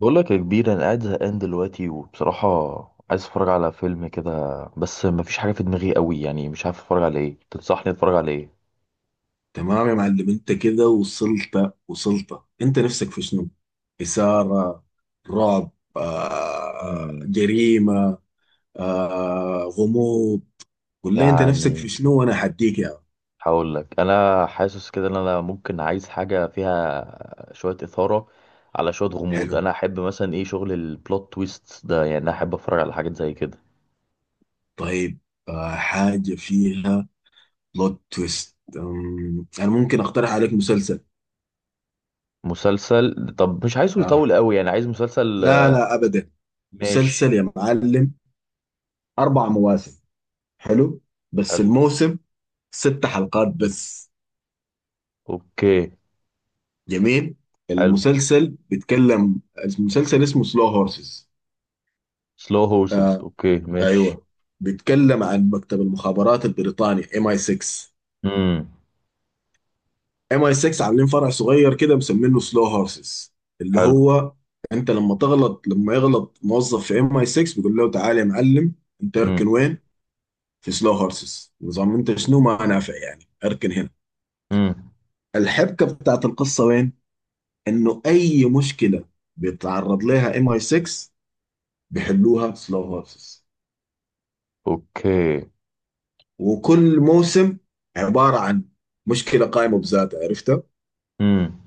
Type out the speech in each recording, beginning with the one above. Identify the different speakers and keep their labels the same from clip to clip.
Speaker 1: بقول لك يا كبير، انا قاعد زهقان دلوقتي وبصراحه عايز اتفرج على فيلم كده. بس مفيش حاجه في دماغي قوي، يعني مش عارف اتفرج على ايه، تنصحني اتفرج على ايه؟
Speaker 2: تمام يا معلم انت كده وصلت وصلت انت نفسك في شنو؟ إثارة، رعب،
Speaker 1: مم.
Speaker 2: جريمة، غموض. قول لي انت نفسك
Speaker 1: يعني
Speaker 2: في شنو وانا حديك يا عم.
Speaker 1: هقول لك، انا حاسس كده ان انا ممكن عايز حاجه فيها شويه اثاره على شويه غموض.
Speaker 2: حلو،
Speaker 1: انا احب مثلا ايه، شغل البلوت تويست ده، يعني انا احب اتفرج على حاجات زي كده.
Speaker 2: طيب، حاجة فيها بلوت تويست. انا ممكن اقترح عليك مسلسل.
Speaker 1: مسلسل، طب مش عايزه
Speaker 2: آه.
Speaker 1: يطول قوي، يعني عايز مسلسل
Speaker 2: لا لا ابدا،
Speaker 1: ماشي.
Speaker 2: مسلسل يا معلم. اربع مواسم، حلو، بس
Speaker 1: حلو.
Speaker 2: الموسم ست حلقات بس.
Speaker 1: اوكي.
Speaker 2: جميل.
Speaker 1: حلو.
Speaker 2: المسلسل بيتكلم، المسلسل اسمه سلو هورسز.
Speaker 1: سلو هورسز، اوكي ماشي.
Speaker 2: ايوه، بيتكلم عن مكتب المخابرات البريطاني ام اي 6.
Speaker 1: امم.
Speaker 2: ام اي 6 عاملين فرع صغير كده مسمينه سلو هورسز، اللي
Speaker 1: حلو.
Speaker 2: هو انت لما تغلط، لما يغلط موظف في ام اي 6 بيقول له تعالى يا معلم، انت اركن
Speaker 1: امم.
Speaker 2: وين، في سلو هورسز. نظام انت شنو ما نافع يعني، اركن هنا.
Speaker 1: امم.
Speaker 2: الحبكه بتاعت القصه وين؟ انه اي مشكله بيتعرض لها ام اي 6 بيحلوها سلو هورسز،
Speaker 1: اوكي.
Speaker 2: وكل موسم عبارة عن مشكلة قائمة بذاتها، عرفتها؟
Speaker 1: امم.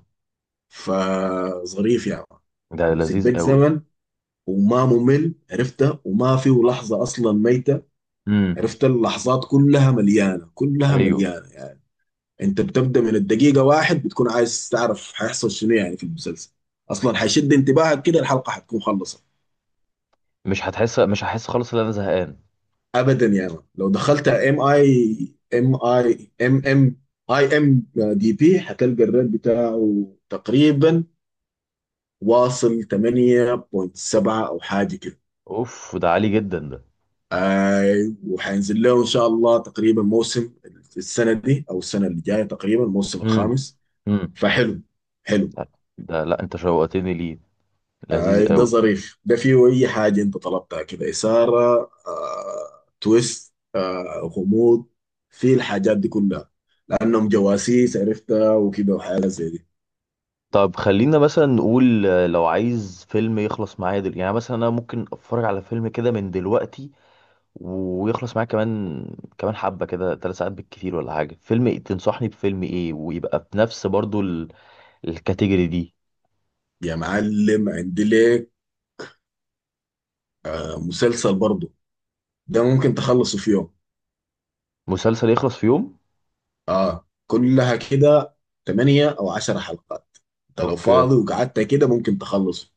Speaker 2: فظريف يا مان،
Speaker 1: ده
Speaker 2: حيمسك
Speaker 1: لذيذ
Speaker 2: بك
Speaker 1: قوي.
Speaker 2: زمن وما ممل، عرفتها؟ وما فيه لحظة أصلا ميتة،
Speaker 1: امم.
Speaker 2: عرفت؟ اللحظات كلها مليانة، كلها
Speaker 1: ايوه.
Speaker 2: مليانة يعني. أنت بتبدأ من الدقيقة واحد بتكون عايز تعرف حيحصل شنو يعني في المسلسل، أصلا حيشد انتباهك كده الحلقة حتكون خلصت.
Speaker 1: مش هحس خالص ان انا زهقان.
Speaker 2: ابدا يا مان، لو دخلت ام اي ام اي ام ام اي ام دي بي هتلقى الريت بتاعه تقريبا واصل 8.7 او حاجه كده.
Speaker 1: اوف، ده عالي جدا ده.
Speaker 2: اي، وهينزل له ان شاء الله تقريبا موسم السنه دي او السنه اللي جايه تقريبا، الموسم
Speaker 1: امم.
Speaker 2: الخامس.
Speaker 1: امم.
Speaker 2: فحلو، حلو.
Speaker 1: لا، ده، لا انت شوقتني ليه. لذيذ
Speaker 2: اي ده
Speaker 1: قوي.
Speaker 2: ظريف، ده فيه اي حاجه انت طلبتها كده، اثاره، تويست، غموض، في الحاجات دي كلها، لانهم جواسيس عرفتها وكده وحاجات زي دي.
Speaker 1: طب خلينا مثلا نقول، لو عايز فيلم يخلص معايا يعني مثلا انا ممكن اتفرج على فيلم كده من دلوقتي ويخلص معايا، كمان كمان حبة كده 3 ساعات بالكتير، ولا حاجة؟ فيلم إيه؟ تنصحني بفيلم ايه ويبقى بنفس برضو الكاتيجوري دي.
Speaker 2: يا معلم عندي لك مسلسل برضه، ده ممكن تخلصه في يوم.
Speaker 1: مسلسل يخلص في يوم.
Speaker 2: اه كلها كده 8 او 10 حلقات، انت لو
Speaker 1: اوكي.
Speaker 2: فاضي وقعدت كده ممكن تخلصه.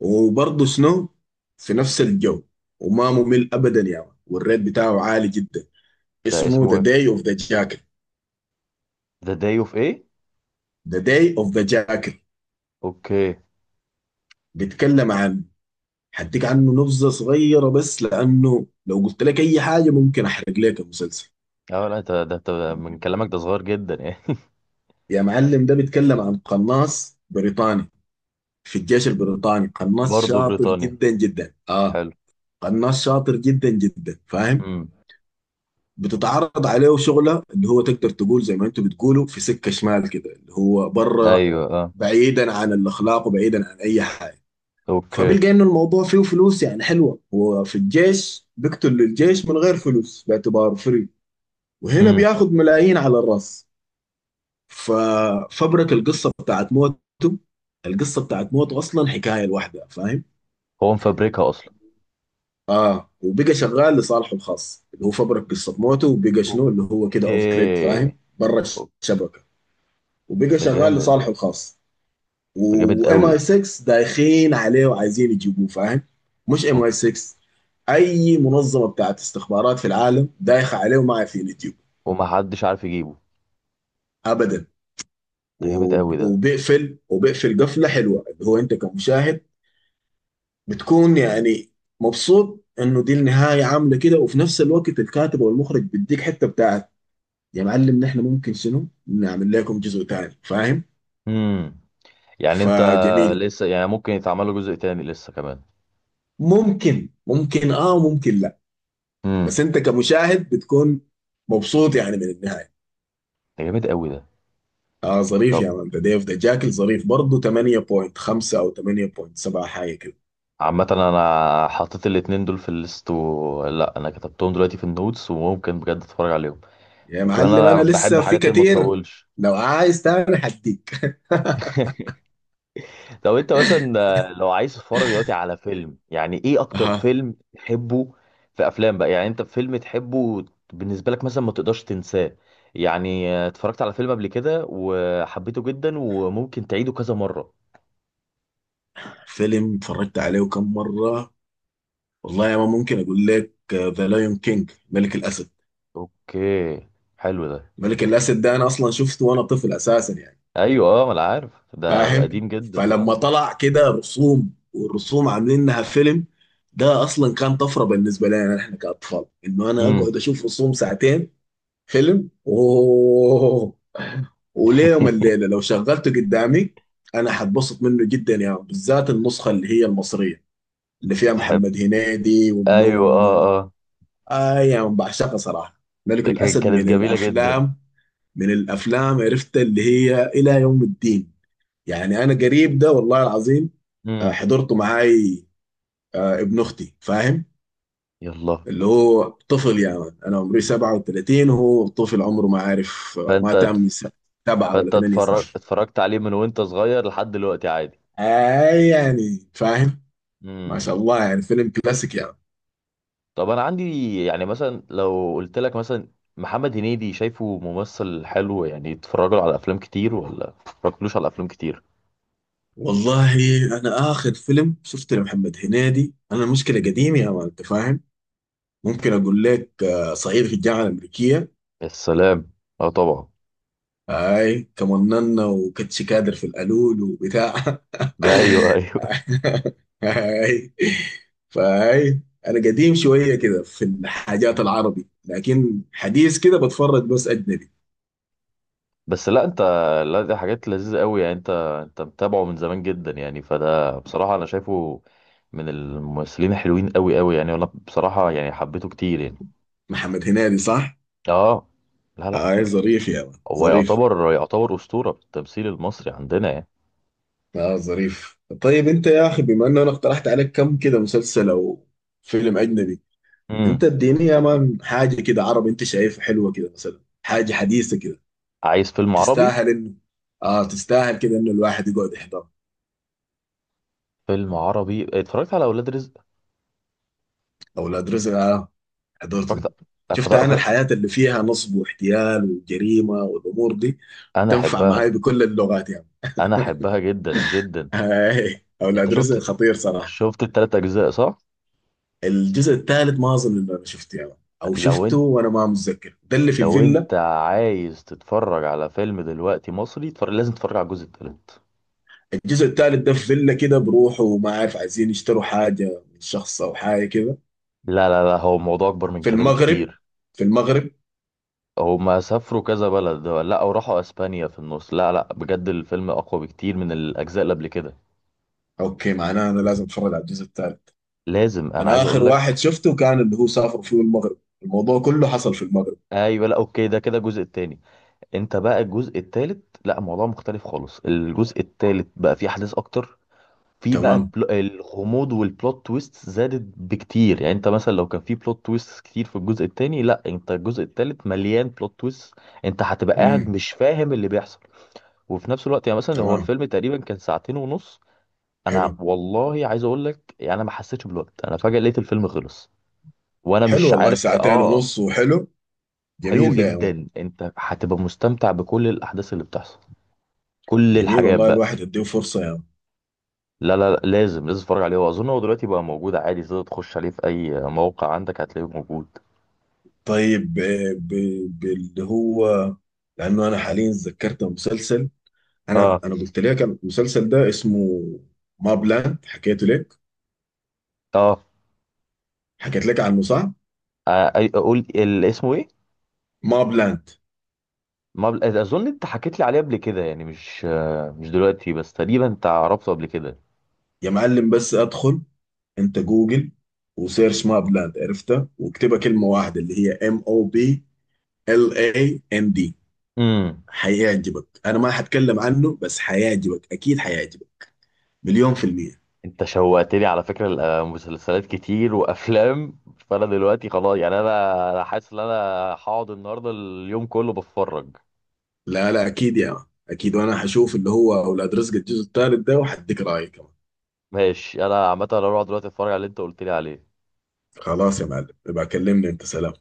Speaker 2: وبرضه شنو، في نفس الجو، وما ممل ابدا يا يعني. والريت بتاعه عالي جدا.
Speaker 1: ده
Speaker 2: اسمه
Speaker 1: اسمه
Speaker 2: ذا
Speaker 1: ايه؟
Speaker 2: داي اوف ذا جاكل،
Speaker 1: ذا داي اوف ايه؟
Speaker 2: The Day of the Jackal.
Speaker 1: اوكي.
Speaker 2: بيتكلم عن، هديك عنه نبذة صغيرة بس لأنه لو قلت لك أي حاجة ممكن أحرق لك المسلسل.
Speaker 1: اه، لا ده أنت من كلامك ده صغير جدا يعني.
Speaker 2: يا معلم، ده بيتكلم عن قناص بريطاني في الجيش البريطاني، قناص
Speaker 1: برضه
Speaker 2: شاطر
Speaker 1: بريطانيا.
Speaker 2: جدا جدا آه،
Speaker 1: حلو.
Speaker 2: قناص شاطر جدا جدا فاهم.
Speaker 1: امم.
Speaker 2: بتتعرض عليه شغلة اللي هو تقدر تقول زي ما انتوا بتقولوا في سكة شمال كده، اللي هو بره،
Speaker 1: ايوه اه.
Speaker 2: بعيدا عن الأخلاق وبعيدا عن أي حاجة.
Speaker 1: اوكي.
Speaker 2: فبيلقى انه الموضوع فيه فلوس يعني حلوه، هو في الجيش بيقتل للجيش من غير فلوس باعتباره فري، وهنا
Speaker 1: امم.
Speaker 2: بياخد ملايين على الراس. ففبرة القصه بتاعت موته، القصه بتاعت موته اصلا حكايه لوحدها فاهم.
Speaker 1: هو مفبركها اصلا؟
Speaker 2: اه، وبقى شغال لصالحه الخاص، اللي هو فبرك قصه موته وبقى شنو اللي هو كده اوف جريد فاهم،
Speaker 1: اوكي.
Speaker 2: برا
Speaker 1: أو-
Speaker 2: الشبكه، وبقى
Speaker 1: ده
Speaker 2: شغال
Speaker 1: جامد ده.
Speaker 2: لصالحه الخاص.
Speaker 1: ده جامد
Speaker 2: وام اي
Speaker 1: قوي.
Speaker 2: 6 دايخين عليه وعايزين يجيبوه فاهم، مش ام اي
Speaker 1: أو-
Speaker 2: 6، اي منظمه بتاعت استخبارات في العالم دايخه عليه وما عارفين يجيبوه
Speaker 1: ومحدش عارف يجيبه.
Speaker 2: ابدا.
Speaker 1: ده جامد قوي ده.
Speaker 2: وبيقفل، وبيقفل قفله حلوه، اللي هو انت كمشاهد بتكون يعني مبسوط انه دي النهايه عامله كده، وفي نفس الوقت الكاتب والمخرج بيديك حته بتاعت يا معلم نحن ممكن شنو نعمل لكم جزء ثاني فاهم.
Speaker 1: امم. يعني انت
Speaker 2: فجميل.
Speaker 1: لسه يعني ممكن يتعمل له جزء تاني لسه كمان؟
Speaker 2: ممكن،
Speaker 1: امم.
Speaker 2: بس انت كمشاهد بتكون مبسوط يعني من النهايه.
Speaker 1: ده جامد قوي ده.
Speaker 2: اه ظريف
Speaker 1: طب
Speaker 2: يا مان، ده ديف ده جاكل ظريف برضه، 8.5 او 8.7 حاجه كده.
Speaker 1: عامة، انا حطيت الاتنين دول في الليست لا، انا كتبتهم دلوقتي في النوتس وممكن بجد اتفرج عليهم.
Speaker 2: يا
Speaker 1: وكمان
Speaker 2: معلم
Speaker 1: انا
Speaker 2: انا
Speaker 1: بحب
Speaker 2: لسه في
Speaker 1: حاجات اللي ما
Speaker 2: كتير،
Speaker 1: تطولش.
Speaker 2: لو عايز تاني حديك.
Speaker 1: لو انت مثلا لو عايز تتفرج دلوقتي على فيلم، يعني ايه اكتر
Speaker 2: اها.
Speaker 1: فيلم تحبه؟ في افلام بقى يعني انت فيلم تحبه بالنسبة لك مثلا ما تقدرش تنساه، يعني اتفرجت على فيلم قبل كده وحبيته جدا وممكن تعيده كذا مرة.
Speaker 2: فيلم اتفرجت عليه كم مره، والله يا مان ممكن اقول لك ذا لايون كينج، ملك الاسد.
Speaker 1: اوكي. حلو ده.
Speaker 2: ملك الاسد ده انا اصلا شفته وانا طفل اساسا يعني
Speaker 1: ايوه اه، ما انا عارف ده
Speaker 2: فاهم،
Speaker 1: قديم جدا. اه.
Speaker 2: فلما طلع كده رسوم والرسوم عاملينها فيلم، ده اصلا كان طفره بالنسبه لنا احنا كاطفال انه انا
Speaker 1: امم.
Speaker 2: اقعد اشوف رسوم ساعتين فيلم. اوه، وليوم الليله لو شغلته قدامي انا هتبسط منه جدا يا يعني، بالذات النسخه اللي هي المصريه اللي فيها محمد هنيدي ومنو
Speaker 1: ايوه، اه
Speaker 2: ومنو.
Speaker 1: اه.
Speaker 2: آه يا يعني بعشقها صراحه. ملك الاسد
Speaker 1: كانت
Speaker 2: من
Speaker 1: جميله جدا.
Speaker 2: الافلام، من الافلام، عرفت اللي هي الى يوم الدين يعني. انا قريب ده والله العظيم
Speaker 1: امم.
Speaker 2: حضرته معاي، ابن اختي فاهم،
Speaker 1: يلا.
Speaker 2: اللي هو طفل يعني. انا عمري 37 وهو طفل عمره ما عارف، ما
Speaker 1: فانت
Speaker 2: تم
Speaker 1: اتف-
Speaker 2: س- سبعة ولا
Speaker 1: فانت
Speaker 2: ثمانية سنين.
Speaker 1: اتفرج اتفرجت عليه من وانت صغير لحد دلوقتي عادي.
Speaker 2: اي يعني فاهم، ما
Speaker 1: امم.
Speaker 2: شاء الله يعني فيلم كلاسيك يعني.
Speaker 1: طب انا عندي، يعني مثلا لو قلت لك مثلا، محمد هنيدي شايفه ممثل حلو؟ يعني اتفرج له على افلام كتير ولا اتفرجتلوش على افلام كتير؟
Speaker 2: والله انا اخر فيلم شفته لمحمد هنيدي، انا المشكله قديم يا مان انت فاهم. ممكن اقول لك صعيدي في الجامعه الامريكيه.
Speaker 1: السلام. اه طبعا.
Speaker 2: اي، كمننا وكتش كادر في القالول وبتاع
Speaker 1: ده، ايوه ايوه.
Speaker 2: اي، فاي، انا قديم شويه كده في الحاجات العربي لكن حديث كده بتفرج بس اجنبي.
Speaker 1: بس لا انت، لا دي حاجات لذيذة قوي، يعني انت متابعه من زمان جدا يعني، فده بصراحة انا شايفه من الممثلين الحلوين قوي قوي، يعني انا بصراحة يعني حبيته كتير يعني.
Speaker 2: محمد هنيدي صح؟
Speaker 1: اه، لا لا،
Speaker 2: اي ظريف يا مان
Speaker 1: هو
Speaker 2: ظريف.
Speaker 1: يعتبر يعتبر أسطورة في التمثيل المصري عندنا يعني.
Speaker 2: اه ظريف. طيب انت يا اخي بما انه انا اقترحت عليك كم كده مسلسل او فيلم اجنبي، انت
Speaker 1: امم.
Speaker 2: اديني يا مان حاجه كده عربي انت شايفها حلوه كده مثلا، حاجه حديثه كده
Speaker 1: عايز فيلم عربي؟
Speaker 2: تستاهل انه، اه تستاهل كده انه الواحد يقعد يحضر.
Speaker 1: فيلم عربي، اتفرجت على اولاد رزق.
Speaker 2: اولاد رزق، اه حضرته.
Speaker 1: اتفرجت اتفرجت-
Speaker 2: شفت انا
Speaker 1: اتفرجت-
Speaker 2: الحياة اللي فيها نصب واحتيال وجريمة والامور دي
Speaker 1: انا
Speaker 2: تنفع معاي
Speaker 1: احبها،
Speaker 2: بكل اللغات يعني.
Speaker 1: انا احبها جدا جدا.
Speaker 2: هاي
Speaker 1: انت
Speaker 2: اولاد رزق
Speaker 1: شفت
Speaker 2: خطير صراحة.
Speaker 1: شفت التلات اجزاء صح؟
Speaker 2: الجزء الثالث ما اظن انه انا شفته يعني، او
Speaker 1: لو
Speaker 2: شفته وانا ما متذكر، ده اللي في
Speaker 1: لو
Speaker 2: الفيلا؟
Speaker 1: انت عايز تتفرج على فيلم دلوقتي مصري تفرج، لازم تتفرج على الجزء التالت.
Speaker 2: الجزء الثالث ده في فيلا كده بروحه وما عارف عايزين يشتروا حاجة من شخص او حاجة كده.
Speaker 1: لا لا لا، هو الموضوع اكبر من
Speaker 2: في
Speaker 1: كده
Speaker 2: المغرب،
Speaker 1: بكتير.
Speaker 2: في المغرب.
Speaker 1: هما سافروا كذا بلد، لا، وراحوا اسبانيا في النص. لا لا، بجد الفيلم اقوى بكتير من الاجزاء اللي قبل كده.
Speaker 2: اوكي معناه انا لازم اتفرج على الجزء الثالث.
Speaker 1: لازم، انا
Speaker 2: انا
Speaker 1: عايز
Speaker 2: اخر
Speaker 1: اقول لك.
Speaker 2: واحد شفته كان اللي هو سافر فيه المغرب، الموضوع كله حصل في المغرب.
Speaker 1: ايوه لا، اوكي ده كده الجزء التاني. انت بقى الجزء التالت، لا الموضوع مختلف خالص، الجزء التالت بقى فيه احداث اكتر. في بقى
Speaker 2: تمام.
Speaker 1: الغموض والبلوت تويست زادت بكتير، يعني انت مثلا لو كان في بلوت تويست كتير في الجزء التاني، لا انت الجزء التالت مليان بلوت تويست. انت هتبقى قاعد
Speaker 2: امم.
Speaker 1: مش فاهم اللي بيحصل. وفي نفس الوقت يعني مثلا هو
Speaker 2: تمام.
Speaker 1: الفيلم تقريبا كان ساعتين ونص. انا
Speaker 2: حلو.
Speaker 1: والله عايز اقول لك، يعني انا ما حسيتش بالوقت، انا فجأة لقيت الفيلم خلص وانا
Speaker 2: حلو
Speaker 1: مش
Speaker 2: والله،
Speaker 1: عارف.
Speaker 2: ساعتين
Speaker 1: اه.
Speaker 2: ونص، وحلو.
Speaker 1: حلو
Speaker 2: جميل ده يا مان،
Speaker 1: جدا، انت هتبقى مستمتع بكل الاحداث اللي بتحصل، كل
Speaker 2: جميل
Speaker 1: الحاجات
Speaker 2: والله،
Speaker 1: بقى.
Speaker 2: الواحد يديه فرصة يا مان.
Speaker 1: لا لا لا، لازم لازم تتفرج عليه. هو اظن هو دلوقتي بقى موجود عادي، تقدر تخش عليه في اي موقع عندك هتلاقيه موجود.
Speaker 2: طيب باللي هو، لانه انا حاليا ذكرت مسلسل، انا
Speaker 1: اه
Speaker 2: انا قلت لك المسلسل ده اسمه ما بلاند، حكيته لك،
Speaker 1: اه.
Speaker 2: حكيت لك عنه صح؟
Speaker 1: اسمه ايه؟
Speaker 2: ما بلاند.
Speaker 1: ما بل... اظن انت حكيت لي عليه قبل كده، يعني مش مش دلوقتي، بس تقريبا انت عرفته قبل كده.
Speaker 2: يا معلم بس ادخل انت جوجل وسيرش ماب لاند عرفتها، واكتبها كلمه واحده. اللي هي ام او بي ال اي ان دي.
Speaker 1: امم.
Speaker 2: هيعجبك، انا ما هتكلم عنه بس هيعجبك، اكيد هيعجبك مليون في المية.
Speaker 1: انت شوقتني على فكره مسلسلات كتير وافلام. فانا دلوقتي خلاص، يعني انا حاسس ان انا هقعد النهارده اليوم كله بتفرج.
Speaker 2: لا لا اكيد يا مان. اكيد، وانا هشوف اللي هو اولاد رزق الجزء الثالث ده وهديك رايي كمان.
Speaker 1: ماشي، انا عامه انا هروح دلوقتي اتفرج على اللي انت قلت لي عليه.
Speaker 2: خلاص يا معلم، يبقى كلمني انت، سلام.